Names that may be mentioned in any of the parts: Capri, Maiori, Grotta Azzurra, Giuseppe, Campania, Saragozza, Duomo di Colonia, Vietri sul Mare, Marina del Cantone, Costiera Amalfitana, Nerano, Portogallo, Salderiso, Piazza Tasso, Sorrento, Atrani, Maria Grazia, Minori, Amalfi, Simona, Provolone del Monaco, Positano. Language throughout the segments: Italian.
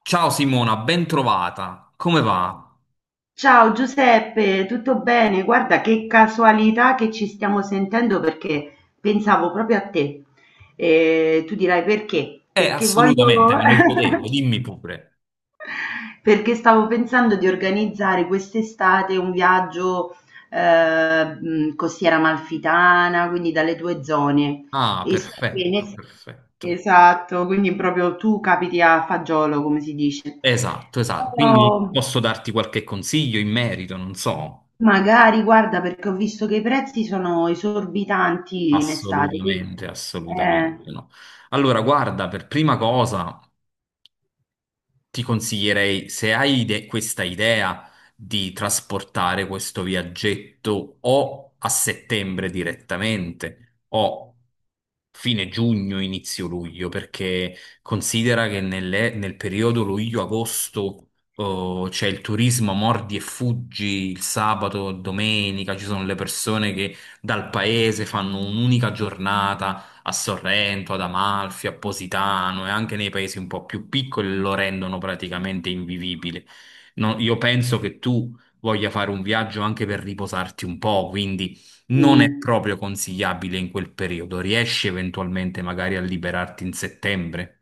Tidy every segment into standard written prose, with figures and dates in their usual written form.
Ciao Simona, ben trovata. Come va? Ciao Giuseppe, tutto bene? Guarda che casualità che ci stiamo sentendo perché pensavo proprio a te. E tu dirai perché? Perché voglio... Assolutamente, me lo chiedevo, dimmi pure. Perché stavo pensando di organizzare quest'estate un viaggio costiera amalfitana, quindi dalle tue zone. Ah, E so che perfetto, ne- perfetto. Esatto, quindi proprio tu capiti a fagiolo, come si dice. Esatto, esatto. Quindi Oh. posso darti qualche consiglio in merito, non so. Magari, guarda, perché ho visto che i prezzi sono esorbitanti in estate, quindi Assolutamente, assolutamente eh, no. Allora, guarda, per prima cosa, ti consiglierei, se questa idea di trasportare questo viaggetto o a settembre direttamente o fine giugno, inizio luglio, perché considera che nel periodo luglio-agosto oh, c'è il turismo mordi e fuggi il sabato, domenica, ci sono le persone che dal paese fanno un'unica giornata a Sorrento, ad Amalfi, a Positano, e anche nei paesi un po' più piccoli lo rendono praticamente invivibile. No, io penso che tu voglia fare un viaggio anche per riposarti un po', quindi nì. non è proprio consigliabile in quel periodo. Riesci eventualmente magari a liberarti in settembre?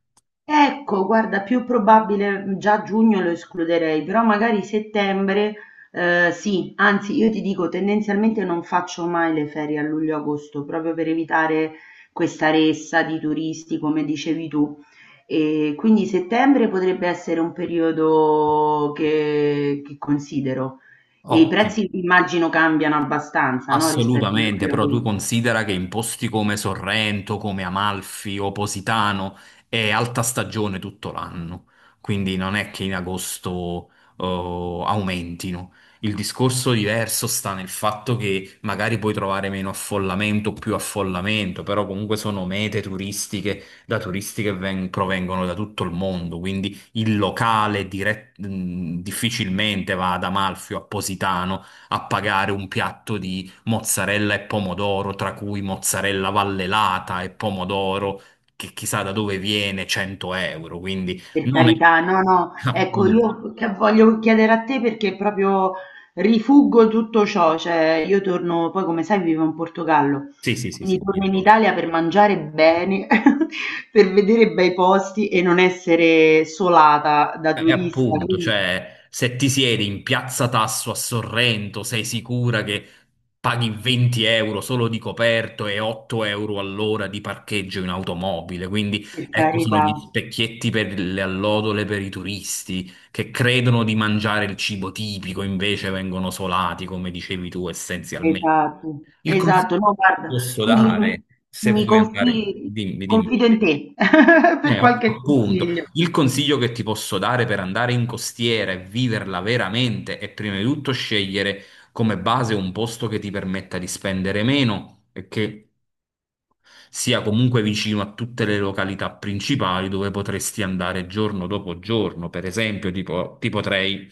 Ecco, guarda, più probabile già giugno lo escluderei, però magari settembre, sì, anzi io ti dico, tendenzialmente non faccio mai le ferie a luglio-agosto, proprio per evitare questa ressa di turisti, come dicevi tu. E quindi settembre potrebbe essere un periodo che considero. E i Ottimo. prezzi immagino cambiano abbastanza, no? Rispetto a Assolutamente, però tu luglio-agosto. considera che in posti come Sorrento, come Amalfi o Positano è alta stagione tutto l'anno, quindi non è che in agosto aumentino. Il discorso diverso sta nel fatto che magari puoi trovare meno affollamento o più affollamento, però comunque sono mete turistiche da turisti che provengono da tutto il mondo, quindi il locale difficilmente va ad Amalfi o a Positano a pagare un piatto di mozzarella e pomodoro, tra cui mozzarella vallelata e pomodoro, che chissà da dove viene, 100 euro, quindi Per non è... carità, no, no, Ah, ecco, io che voglio chiedere a te perché proprio rifuggo tutto ciò, cioè io torno, poi come sai vivo in Portogallo, sì, sì, sì, quindi sì, mi torno in ricordo. Italia per mangiare bene, per vedere bei posti e non essere solata da E turista, appunto, quindi cioè, se ti siedi in Piazza Tasso a Sorrento, sei sicura che paghi 20 euro solo di coperto e 8 euro all'ora di parcheggio in automobile? Quindi, per ecco, sono carità, gli specchietti per le allodole per i turisti che credono di mangiare il cibo tipico, invece vengono solati, come dicevi tu, essenzialmente. esatto, Il consiglio esatto, no, che guarda, posso quindi dare, se mi vuoi andare, confi- dimmi, dimmi. confido in te per qualche Appunto, consiglio. il consiglio che ti posso dare per andare in costiera e viverla veramente è prima di tutto scegliere come base un posto che ti permetta di spendere meno e che sia comunque vicino a tutte le località principali dove potresti andare giorno dopo giorno. Per esempio, tipo, ti potrei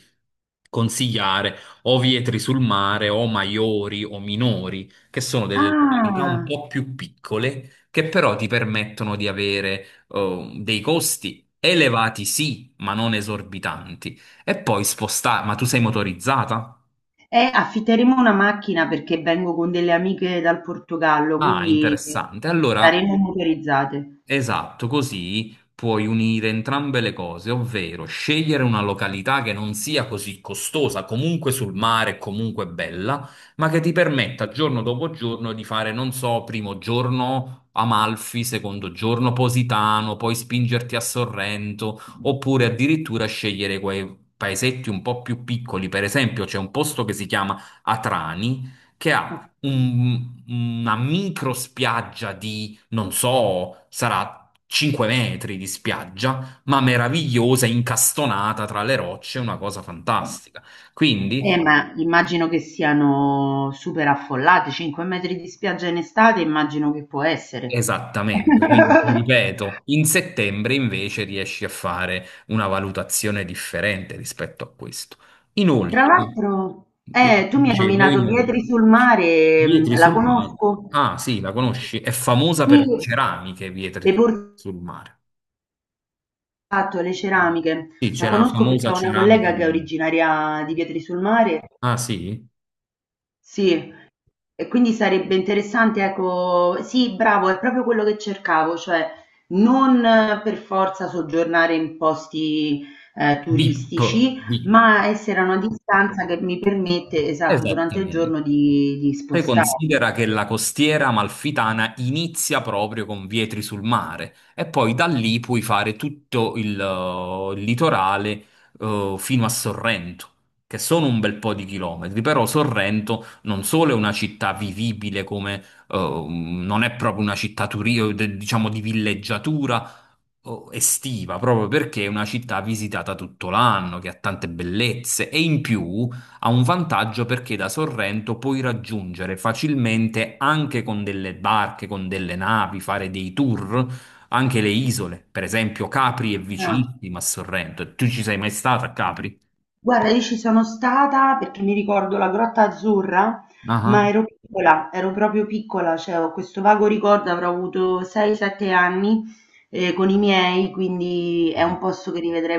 consigliare o Vietri sul Mare o Maiori o Minori, che sono delle località un Ah. po' più piccole, che però ti permettono di avere dei costi. Elevati sì, ma non esorbitanti. E poi spostare, ma tu sei motorizzata? Affitteremo una macchina perché vengo con delle amiche dal Portogallo, Ah, quindi interessante. Allora saremo motorizzate. esatto, così puoi unire entrambe le cose, ovvero scegliere una località che non sia così costosa, comunque sul mare, comunque bella, ma che ti permetta giorno dopo giorno di fare, non so, primo giorno Amalfi, secondo giorno Positano, poi spingerti a Sorrento, oppure addirittura scegliere quei paesetti un po' più piccoli. Per esempio, c'è un posto che si chiama Atrani, che ha Ok. Una micro spiaggia di non so, sarà 5 metri di spiaggia, ma meravigliosa, incastonata tra le rocce, una cosa fantastica. Quindi, Ma immagino che siano super affollate, 5 metri di spiaggia in estate, immagino che può essere. esattamente, quindi ti ripeto, in settembre invece riesci a fare una valutazione differente rispetto a questo. Inoltre, Tra l'altro, tu mi hai dicevo, nominato inoltre, Vietri sul mare, mm, Vietri la sul mare. conosco? Ah, sì, la conosci? È famosa Sì, per ceramiche, le Vietri porzioni sul mare. fatto le ceramiche, Sì, la c'è la conosco perché famosa ho una ceramica collega che di è Vietri. originaria di Vietri sul Mare, Ah, sì? sì, e quindi sarebbe interessante, ecco, sì, bravo, è proprio quello che cercavo, cioè non per forza soggiornare in posti Bip, turistici, bip. ma essere a una distanza che mi permette, esatto, durante il Esattamente. giorno di Poi spostarmi. considera che la costiera amalfitana inizia proprio con Vietri sul mare e poi da lì puoi fare tutto il litorale fino a Sorrento, che sono un bel po' di chilometri, però Sorrento non solo è una città vivibile come non è proprio una città diciamo di villeggiatura estiva, proprio perché è una città visitata tutto l'anno, che ha tante bellezze e in più ha un vantaggio perché da Sorrento puoi raggiungere facilmente, anche con delle barche, con delle navi, fare dei tour, anche le isole. Per esempio, Capri è Ah. vicinissima a Sorrento. Tu ci sei mai stata a Capri? Guarda, io ci sono stata perché mi ricordo la Grotta Azzurra, ma Ah. ero piccola, ero proprio piccola, cioè ho questo vago ricordo, avrò avuto 6-7 anni con i miei, quindi è Ah. un posto che rivedrei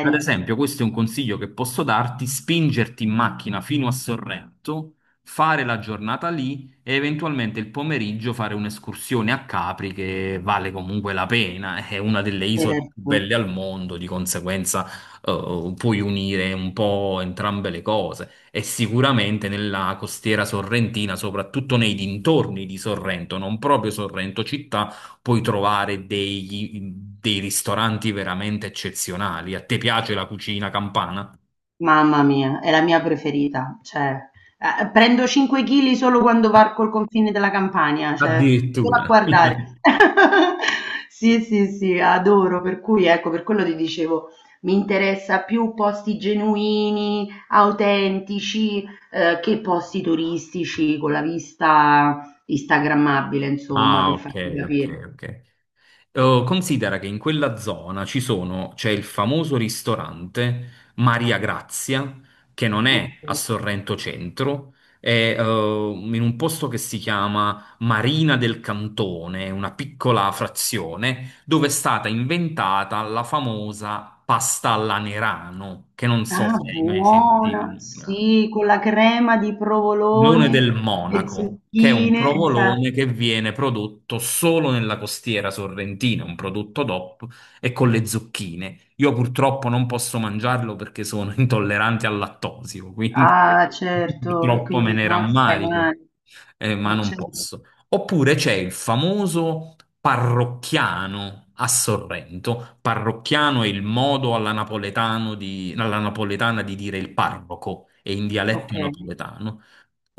Ad esempio, questo è un consiglio che posso darti, spingerti in macchina fino a Sorrento, fare la giornata lì e eventualmente il pomeriggio fare un'escursione a Capri, che vale comunque la pena, è una delle isole più Certo. belle al mondo, di conseguenza puoi unire un po' entrambe le cose e sicuramente nella costiera sorrentina, soprattutto nei dintorni di Sorrento, non proprio Sorrento città, puoi trovare dei ristoranti veramente eccezionali. A te piace la cucina campana? Mamma mia, è la mia preferita, cioè, prendo 5 chili solo quando varco il confine della Campania, cioè, solo a Addirittura. guardare. Sì, sì, sì, adoro, per cui ecco, per quello ti dicevo, mi interessa più posti genuini, autentici, che posti turistici con la vista instagrammabile, insomma, Ah, per farti ok, ok, capire. ok. Oh, considera che in quella zona c'è il famoso ristorante Maria Grazia, che non Ok. è a Sorrento Centro, è in un posto che si chiama Marina del Cantone, una piccola frazione, dove è stata inventata la famosa pasta alla Nerano, che non so Ah, se hai mai buona! sentito. Sì, con la crema di Provolone del provolone, le Monaco, che è un zucchine, esa provolone che viene prodotto solo nella costiera sorrentina, un prodotto DOP e con le zucchine. Io purtroppo non posso mangiarlo perché sono intollerante al lattosio, quindi Ah, certo, e purtroppo me quindi ne se no ti fai rammarico, male. Ma non Certo. posso. Oppure c'è il famoso parrocchiano a Sorrento. Parrocchiano è il modo alla napoletana di dire il parroco, è in Ok. dialetto napoletano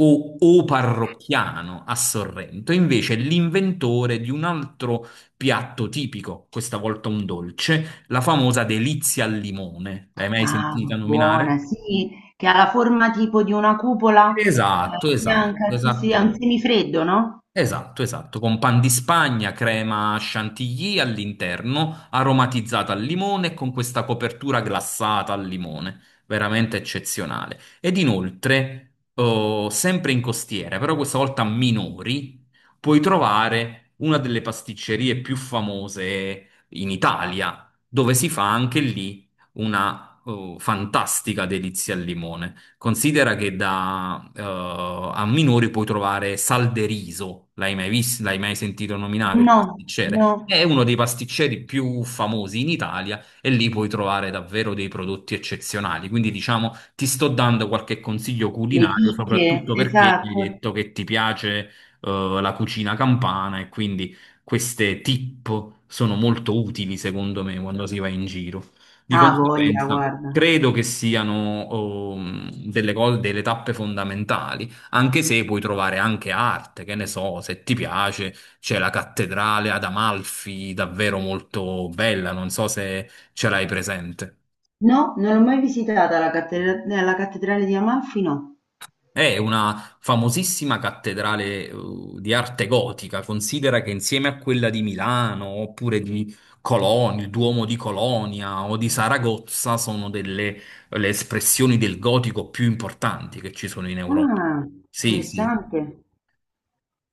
o parrocchiano a Sorrento, invece è l'inventore di un altro piatto tipico, questa volta un dolce, la famosa delizia al limone. L'hai mai Ah, sentita buona, nominare? sì, che ha la forma tipo di una cupola Esatto, esatto, bianca, sì, sì, esatto. ha un semifreddo, no? Esatto, esatto, con pan di Spagna, crema chantilly all'interno, aromatizzata al limone e con questa copertura glassata al limone, veramente eccezionale. Ed inoltre, oh, sempre in costiera, però questa volta a Minori, puoi trovare una delle pasticcerie più famose in Italia, dove si fa anche lì una, oh, fantastica delizia al limone. Considera che da a Minori puoi trovare Salderiso, l'hai mai visto, l'hai mai sentito nominare il No, pasticcere? no, È uno dei pasticceri più famosi in Italia e lì puoi trovare davvero dei prodotti eccezionali. Quindi diciamo, ti sto dando qualche consiglio le culinario, chicche, soprattutto perché mi hai esatto. detto che ti piace la cucina campana e quindi queste tip sono molto utili secondo me quando si va in giro. Di Ah, voglia, conseguenza, guarda. credo che siano delle cose, delle tappe fondamentali, anche se puoi trovare anche arte, che ne so, se ti piace, c'è la cattedrale ad Amalfi, davvero molto bella, non so se ce l'hai presente. No, non l'ho mai visitata la cattedrale di Amalfi, no. È una famosissima cattedrale, di arte gotica. Considera che insieme a quella di Milano, oppure di Colonia, il Duomo di Colonia o di Saragozza, sono delle le espressioni del gotico più importanti che ci sono in Europa. Ah, Sì, sì. interessante.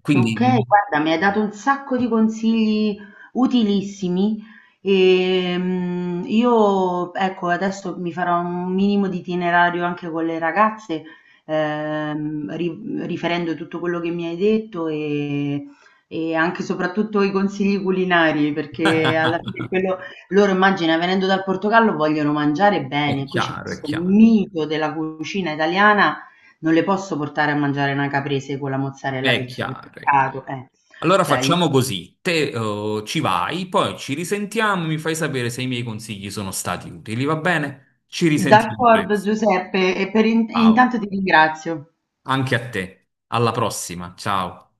Quindi Okay, guarda, mi hai dato un sacco di consigli utilissimi. Io, ecco, adesso mi farò un minimo di itinerario anche con le ragazze, riferendo tutto quello che mi hai detto e anche e soprattutto i consigli culinari, perché alla fine quello, loro, immagina, venendo dal Portogallo, vogliono mangiare è bene. Qui c'è chiaro, è questo chiaro, mito della cucina italiana, non le posso portare a mangiare una caprese con la mozzarella è del chiaro. supermercato, eh. Allora Cioè, facciamo così, te ci vai, poi ci risentiamo, mi fai sapere se i miei consigli sono stati utili, va bene? Ci risentiamo d'accordo presto. Giuseppe e Ciao. intanto ti ringrazio. Anche a te. Alla prossima. Ciao.